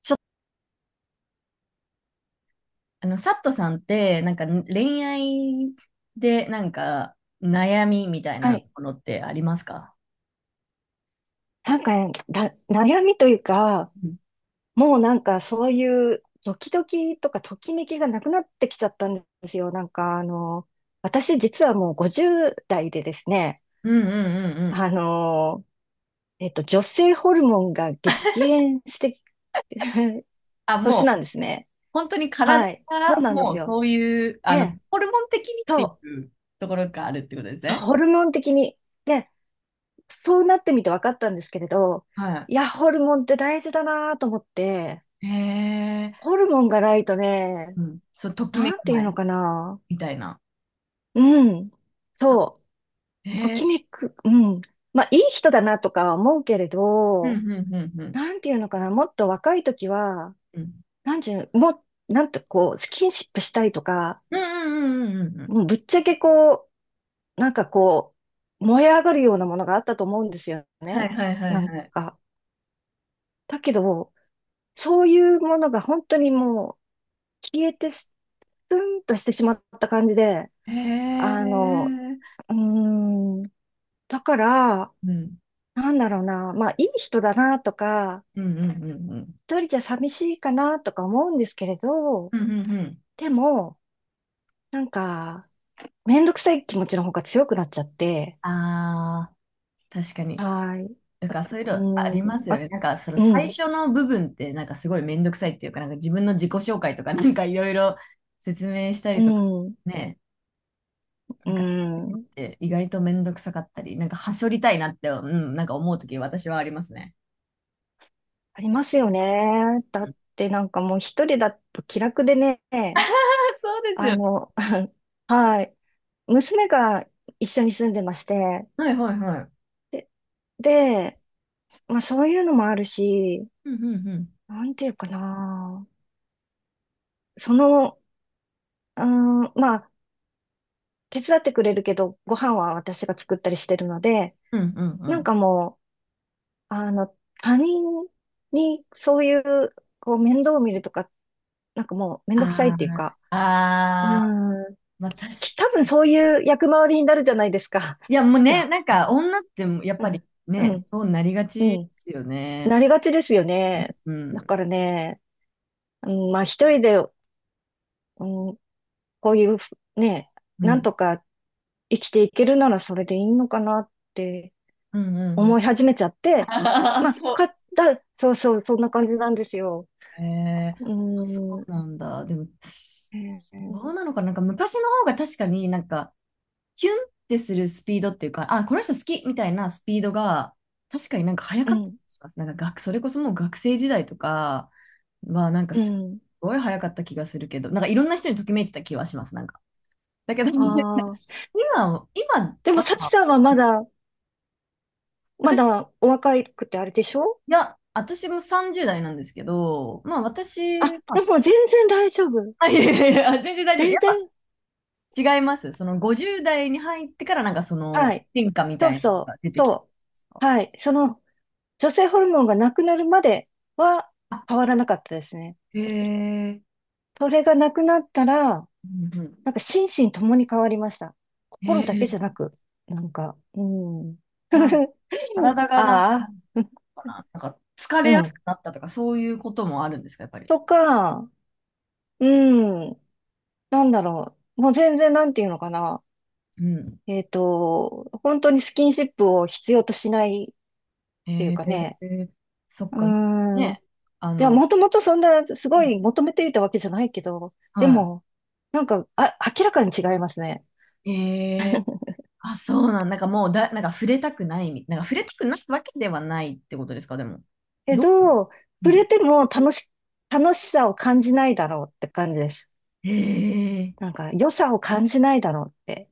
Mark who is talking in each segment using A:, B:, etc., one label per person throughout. A: ちょっと、サットさんって、なんか恋愛で、なんか悩みみたい
B: は
A: な
B: い。
A: ものってありますか？
B: 悩みというか、
A: うん
B: もうなんかそういうドキドキとかときめきがなくなってきちゃったんですよ。私実はもう50代でですね、
A: うんうんうんうん。
B: あの、女性ホルモンが激減して
A: あ、
B: 年
A: も
B: な
A: う、
B: んですね。
A: 本当に体
B: はい。そう
A: が、
B: なんで
A: も
B: す
A: う
B: よ。
A: そういう、
B: ええ。
A: ホルモン的にって
B: そ
A: いうところがあるってことです
B: う。
A: ね。
B: ホルモン的に。で、そうなってみて分かったんですけれど、
A: は
B: いや、ホルモンって大事だなと思って、
A: い。へえ、
B: ホルモンがないとね、
A: うん。そう、ときめ
B: な
A: か
B: んていう
A: な
B: の
A: い、
B: かな。
A: みたいな。
B: うん。
A: あ、
B: そう。
A: へ
B: と
A: え、
B: きめく。うん。まあ、いい人だなとかは思うけれ
A: う
B: ど、
A: んうんうんうん。
B: なんていうのかな。もっと若い時は、
A: うん。
B: なんていうもう、なんてこう、スキンシップしたいとか、
A: うんうんうんうんうんうん。
B: もうぶっちゃけこう、なんかこう、燃え上がるようなものがあったと思うんですよ
A: はい
B: ね。
A: はいはい
B: なん
A: はい。
B: か。だけど、そういうものが本当にもう消えて、スンとしてしまった感じで、
A: へえ、う
B: あの、
A: ん。
B: うーん、だから、
A: うん
B: なんだろうな、まあ、いい人だなとか、
A: うんうんうん。
B: 一人じゃ寂しいかなとか思うんですけれど、
A: うんうんうん。
B: でも、なんか、めんどくさい気持ちの方が強くなっちゃって、
A: ああ、確かに。
B: はーい。
A: なん
B: あ
A: かそういうのあり
B: う
A: ま
B: ん、
A: すよ
B: あ、
A: ね。なんかその
B: う
A: 最
B: ん、
A: 初の部分ってなんかすごいめんどくさいっていうか、なんか自分の自己紹介とかなんかいろいろ説明した
B: う
A: りとか
B: ん、
A: ね、
B: う
A: なんかそういうのっ
B: ん。
A: て意外とめんどくさかったり、なんかはしょりたいなって、うん、なんか思うとき私はありますね。
B: ありますよね。だ
A: うん
B: ってなんかもう一人だと気楽でね、
A: そうですよ
B: あ
A: ね。
B: の、はい。娘が一緒に住んでまして、
A: はいはいはい。
B: で、で、まあそういうのもあるし、
A: うんうんうん。
B: なんていうかな。その、うーん、まあ、手伝ってくれるけど、ご飯は私が作ったりしてるので、
A: うんうんう
B: なん
A: ん。
B: かもう、あの、他人にそういう、こう、面倒を見るとか、なんかもう、面
A: あ
B: 倒くさいっていうか、
A: あ、
B: う
A: ああ、
B: ーん、
A: まあ確かに。
B: 多分そういう役回りになるじゃないですか。
A: いやもう
B: きっ
A: ね、なん
B: と
A: か女ってやっ
B: う
A: ぱり
B: ん、う
A: ね、
B: ん、
A: そうなりが
B: う
A: ちで
B: ん。
A: すよね。
B: なりがちですよね。
A: う
B: だ
A: ん。
B: からね、うん、まあ、一人で、うん、こういう、ね、
A: う
B: なん
A: ん。
B: とか生きていけるならそれでいいのかなって、
A: うんうんうん
B: 思い始めちゃって、
A: あ
B: ま
A: ー
B: あ、
A: そ
B: 買った、そうそう、そんな感じなんですよ。
A: う。えー、
B: う
A: そ
B: ーん、
A: うなんだ。でも、
B: え
A: ど
B: ー
A: うなのかな、なんか昔の方が確かになんか、キュンってするスピードっていうか、あ、この人好きみたいなスピードが、確かになんか早
B: う
A: かった気
B: ん、
A: がします。なんかそれこそもう学生時代とかは、なんか
B: う
A: す
B: ん。
A: ごい早かった気がするけど、なんかいろんな人にときめいてた気はします、なんか。だけど、
B: ああ。
A: 今
B: でも、幸
A: は、
B: さんはまだ、ま
A: 私
B: だお若くてあれでしょ。
A: いや、私も30代なんですけど、まあ私、
B: あ、
A: まあ、
B: でも全然大丈夫。
A: あいやいやいや、全然大丈夫。や
B: 全
A: っ
B: 然、
A: ぱ違います。その50代に入ってからなんかそ
B: は
A: の
B: い。
A: 変化み
B: そ
A: た
B: う
A: いな
B: そ
A: のが
B: う、
A: 出てき
B: そ
A: てんですか？
B: う。はい。その、女性ホルモンがなくなるまでは
A: あ、
B: 変わらなかったですね。
A: へえ、
B: それがなくなったら、
A: うんう
B: なんか心身ともに変わりました。
A: ん、
B: 心だ
A: へ
B: け
A: え、
B: じゃなく、なんか、うん。
A: なん、体が
B: ああ、
A: なんか疲れ
B: う
A: やすく
B: ん。
A: なったとかそういうこともあるんですか、やっぱり。
B: とか、うん、なんだろう。もう全然なんていうのかな。
A: うん。
B: えっと、本当にスキンシップを必要としないっ
A: へ
B: ていうかね。
A: え、そっ
B: う
A: か、なんか
B: ーん。い
A: ね、あ
B: や、
A: の、
B: もともとそんなすごい求めていたわけじゃないけど、で
A: は
B: も、なんか、あ、明らかに違いますね。
A: い。へえあ、そうなん、なんかもうだ、なんか触れたくないみ、なんか触れたくないわけではないってことですか、でも。
B: け
A: どうなの
B: ど、
A: う
B: 触
A: ん。
B: れても楽し、楽しさを感じないだろうって感じです。
A: へえ、
B: なんか、良さを感じないだろうって。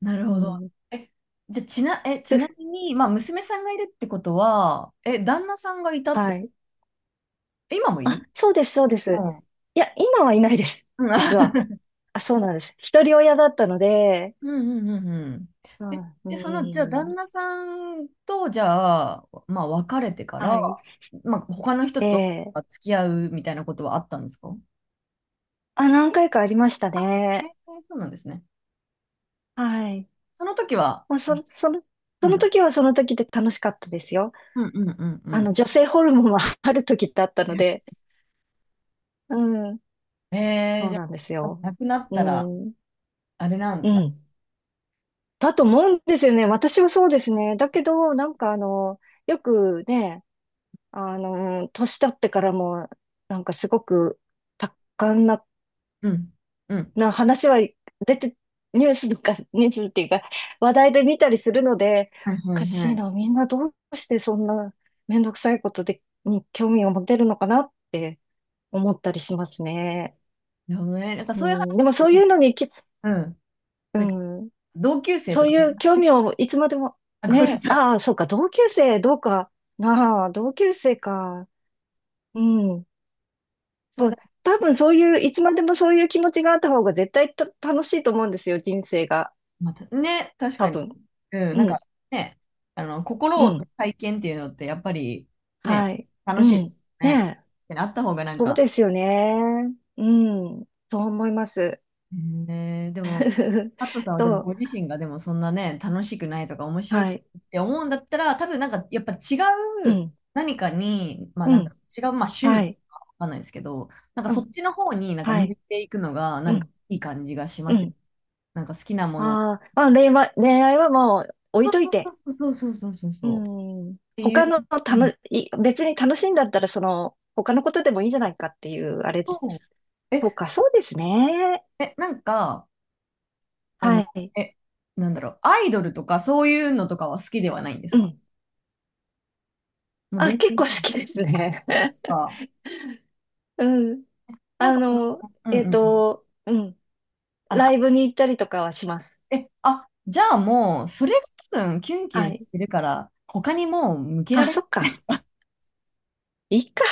A: なる
B: う
A: ほど。
B: ん。
A: え、じゃあ、ちなみ に、まあ、娘さんがいるってことは、え、旦那さんがいたって、
B: はい。
A: え今もい
B: あ、
A: る
B: そうです、そうで
A: う
B: す。
A: ん。うん
B: いや、今はいないです、実は。あ、そうなんです。一人親だったので、
A: うんうんうんうん。
B: う
A: え、
B: ん、う
A: で、その、じゃあ、旦
B: ん、
A: 那さんと、じゃあ、まあ、別れてから、
B: はい。
A: まあ、他の人と
B: ええ。
A: 付き合うみたいなことはあったんですか
B: あ、何回かありました
A: あ、えー
B: ね。
A: そうなんですね。
B: はい。
A: その時は、
B: まあ、そ、その、
A: う
B: その
A: ん。
B: 時はその時で楽しかったですよ。
A: うんうんうん
B: あ
A: う
B: の、女性ホルモンは ある時ってあったので、うん、
A: ん。え
B: そ
A: ー、
B: う
A: じゃ
B: なんです
A: あ、
B: よ。
A: なくなっ
B: う
A: たら、
B: ん、
A: あれな
B: う
A: んだ。
B: ん。だと思うんですよね。私はそうですね。だけど、なんかあの、よくね、あの、年取ってからも、なんかすごく多感な、
A: うん。うん。
B: な話は出て、ニュースとか、ニュースっていうか、話題で見たりするので、
A: はい
B: お
A: は
B: か
A: い
B: し
A: は
B: い
A: い。
B: な、みんなどうしてそんなめんどくさいことで、に興味を持てるのかなって思ったりしますね。
A: なるほどね。なんか
B: う
A: そういう
B: ん、で
A: 話ち
B: も
A: ょっ
B: そう
A: と、
B: いうのにき、
A: うん。
B: う
A: なんか
B: ん、
A: 同級生
B: そ
A: と
B: う
A: か
B: い
A: の
B: う興
A: 話、
B: 味をいつまでも、
A: あ、ごめんな
B: ね、
A: さい。
B: ああ、そうか、同級生か。うん。
A: ご
B: そ
A: めんな
B: う、
A: さい
B: 多分そういう、いつまでもそういう気持ちがあった方が絶対た楽しいと思うんですよ、人生が。
A: また、ね、確
B: 多
A: かに。
B: 分。
A: うん、なん
B: う
A: か
B: ん、
A: ね、
B: う
A: 心を
B: ん、
A: 体験っていうのって、やっぱりね、
B: はい、う
A: 楽しいで
B: ん。
A: すよ
B: ね
A: ね。
B: え、
A: 確かにあった方がなん
B: そう
A: か、
B: ですよね。うん、そう思います。
A: ねえでも、アットさんはで
B: そ
A: も
B: う、
A: ご自身がでもそんなね、楽しくないとか面白
B: は
A: く
B: い、
A: ないって思うんだったら、多分なんかやっぱ違
B: う
A: う
B: ん、
A: 何かに、まあ
B: う
A: なんだろ
B: ん、
A: う、違う、まあ趣
B: は
A: 味と
B: い、
A: かわかんないですけど、なんか
B: う
A: そ
B: ん、
A: っちの方になんか
B: は
A: 向
B: い、
A: いていくのが
B: う
A: なんか
B: ん、
A: いい感じがし
B: う
A: ますよね。
B: ん。
A: なんか好きなものを。
B: あーまあ、恋愛はもう置い
A: そう
B: とい
A: そう
B: て。
A: そうそうそうそうそう
B: う
A: そう。っ
B: ん、
A: てい
B: 他
A: う。
B: の
A: うん
B: 楽、い別に楽しいんだったら、その、他のことでもいいんじゃないかっていう、あれです。
A: そう。
B: と
A: え、
B: か、そうですね。
A: なんか、あの、
B: はい。
A: え、なんだろう、アイドルとかそういうのとかは好きではないんです
B: う
A: か？
B: ん。
A: もう
B: あ、
A: 全
B: 結
A: 然。
B: 構好きですね。うん。
A: なんかその、うんうんうん。
B: うん。
A: あの、
B: ラ
A: あ
B: イブに行ったりとかはします。
A: え、あ、じゃあもう、それが多分キュンキュ
B: は
A: ン
B: い。
A: してるから、他にもう向けら
B: あ、
A: れて
B: そっか。いいか。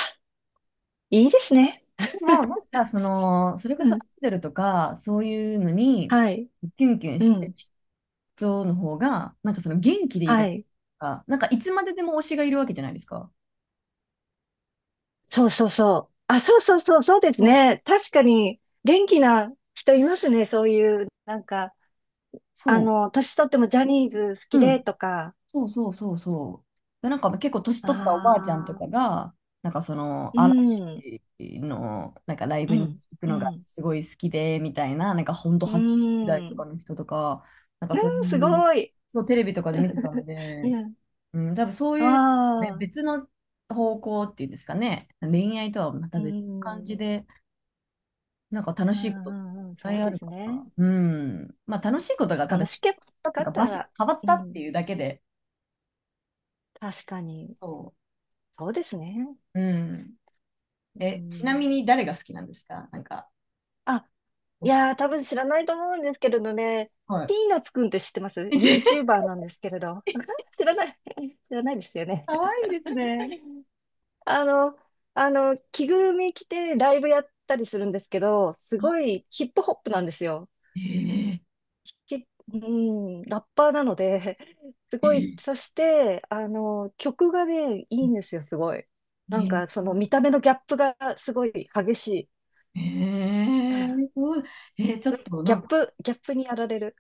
B: いいですね。
A: も、なん かその、それこ
B: う
A: そア
B: ん。
A: イドルとか、そういうのに、
B: はい。
A: キュンキュン
B: う
A: してる
B: ん。
A: 人の方が、なんかその元気でいら
B: は
A: れる
B: い。
A: とか、なんかいつまででも推しがいるわけじゃないですか。
B: そうです
A: そう。
B: ね。確かに、元気な人いますね。そういう、なんか、あ
A: そう。
B: の、年取ってもジャニーズ好き
A: う
B: で
A: ん。
B: とか。
A: そうそうそうそう。で、なんか結構年取ったおばあちゃんと
B: あ
A: か
B: あ、
A: が、なんかその
B: う
A: 嵐
B: ん、
A: のなんかライ
B: う
A: ブに
B: ん、
A: 行く
B: う
A: のが
B: ん。
A: すごい好きで、みたいな、なんかほんと
B: う
A: 80代
B: ー
A: とか
B: ん。
A: の人とか、なんか
B: う
A: そう
B: んす
A: いう、
B: ごい。
A: そうテレビとかで見てたん
B: う
A: で、
B: ん。
A: うん、多分そういう、ね、
B: ああ、
A: 別の方向っていうんですかね、恋愛とはまた
B: う
A: 別の感じ
B: ん。
A: で、なんか楽
B: うん
A: しいことっていっ
B: うんうん。
A: ぱ
B: そ
A: い
B: う
A: あ
B: で
A: る
B: す
A: から、
B: ね。
A: うん、まあ楽しいことが多分、
B: 楽
A: っ
B: しけ
A: てい
B: か
A: うか、
B: った
A: 場所
B: ら、
A: 変わっ
B: う
A: たって
B: ん。
A: いうだけで、
B: 確かに。
A: そう。
B: そうですね。
A: うん。
B: う
A: え、ちなみ
B: ん。
A: に誰が好きなんですかなんか、
B: あ、い
A: 推して。
B: やー、多分知らないと思うんですけれどね。ピ
A: は
B: ーナッツくんって知ってます？
A: い。
B: YouTuber なんですけれど。知らない。知らないですよね。
A: かわい いですね。
B: あの、あの、着ぐるみ着てライブやったりするんですけど、す
A: あ
B: ごいヒップホップなんですよ。
A: え
B: き、うん、ラッパーなので、す
A: ー、
B: ごい、
A: え
B: そして、あの、曲がね、いいんですよ、すごい。なんか、
A: ー、
B: その見た目のギャップがすごい激しい。
A: え ー、そう、えー、ちょっと
B: ギ
A: な
B: ャッ
A: んか、
B: プ、ギャップにやられる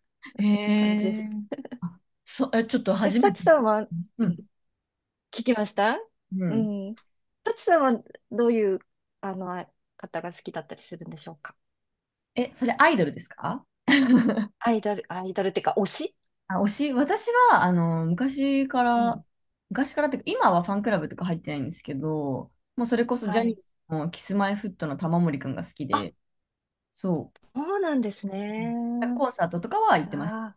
B: 感じで
A: え
B: す。
A: ー、あ、そう、え、ちょっと
B: え、
A: 初
B: サ
A: め
B: チ
A: て。
B: さんは、う
A: うん、
B: ん、聞きました。
A: う
B: う
A: ん。
B: ん。サチさんはどういう、あの、方が好きだったりするんでしょうか。
A: え、それアイドルですか？
B: アイドル、アイドルっていうか、推し。
A: あ、推し、私は、昔か
B: うん。
A: ら、昔からっていうか、今はファンクラブとか入ってないんですけど、もうそれこそジ
B: は
A: ャニー
B: い。
A: ズのキスマイフットの玉森くんが好き
B: あ、
A: で、そう。
B: そうなんです
A: うん
B: ね。
A: コンサートとかは行ってました。
B: あ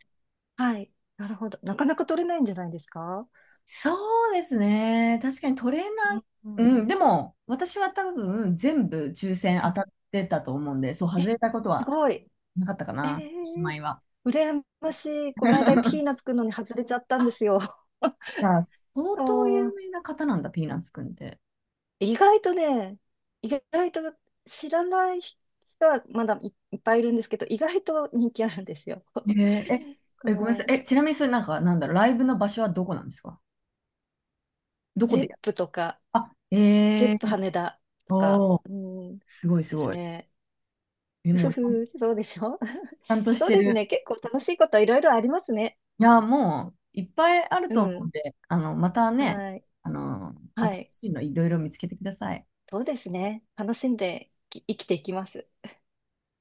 B: あ。はい。なるほど。なかなか取れないんじゃないですか。
A: そうですね。確かにトレー
B: うん。う
A: ナ
B: ん
A: ー、うん、でも私は多分全部抽選
B: う
A: 当
B: ん
A: たってたと思うんで、そう
B: え、
A: 外れたこと
B: す
A: は
B: ごい。
A: なかったか
B: え
A: な、しま
B: ー、
A: いは。
B: 羨ましい。この間ピーナッツ くんのに外れちゃったんですよ。
A: じゃあ、相当
B: お
A: 有名
B: ー、
A: な方なんだ、ピーナッツくんって。
B: 意外とね、意外と知らない人はまだい、いっぱいいるんですけど、意外と人気あるんですよ。
A: えー え、
B: あ
A: え、ごめんなさい。
B: の、
A: え、ちなみにそれなんか、なんだろう、ライブの場所はどこなんですか？どこ
B: ゼ
A: で
B: ッ
A: やる
B: プとか、
A: あ、
B: ゼ
A: え
B: ップ
A: ー、
B: 羽田とか、
A: おー、
B: うん、
A: すごいす
B: です
A: ごい。
B: ね。
A: え、も
B: ふ
A: うち
B: ふ、そうでしょ。
A: ゃんと し
B: そう
A: て
B: です
A: る
B: ね。結構楽しいこといろいろありますね。
A: いや、もういっぱいある
B: う
A: と思う
B: ん。
A: んで、またね、
B: はい。は
A: 新
B: い。
A: しいのいろいろ見つけてください。
B: そうですね。楽しんで生きていきます。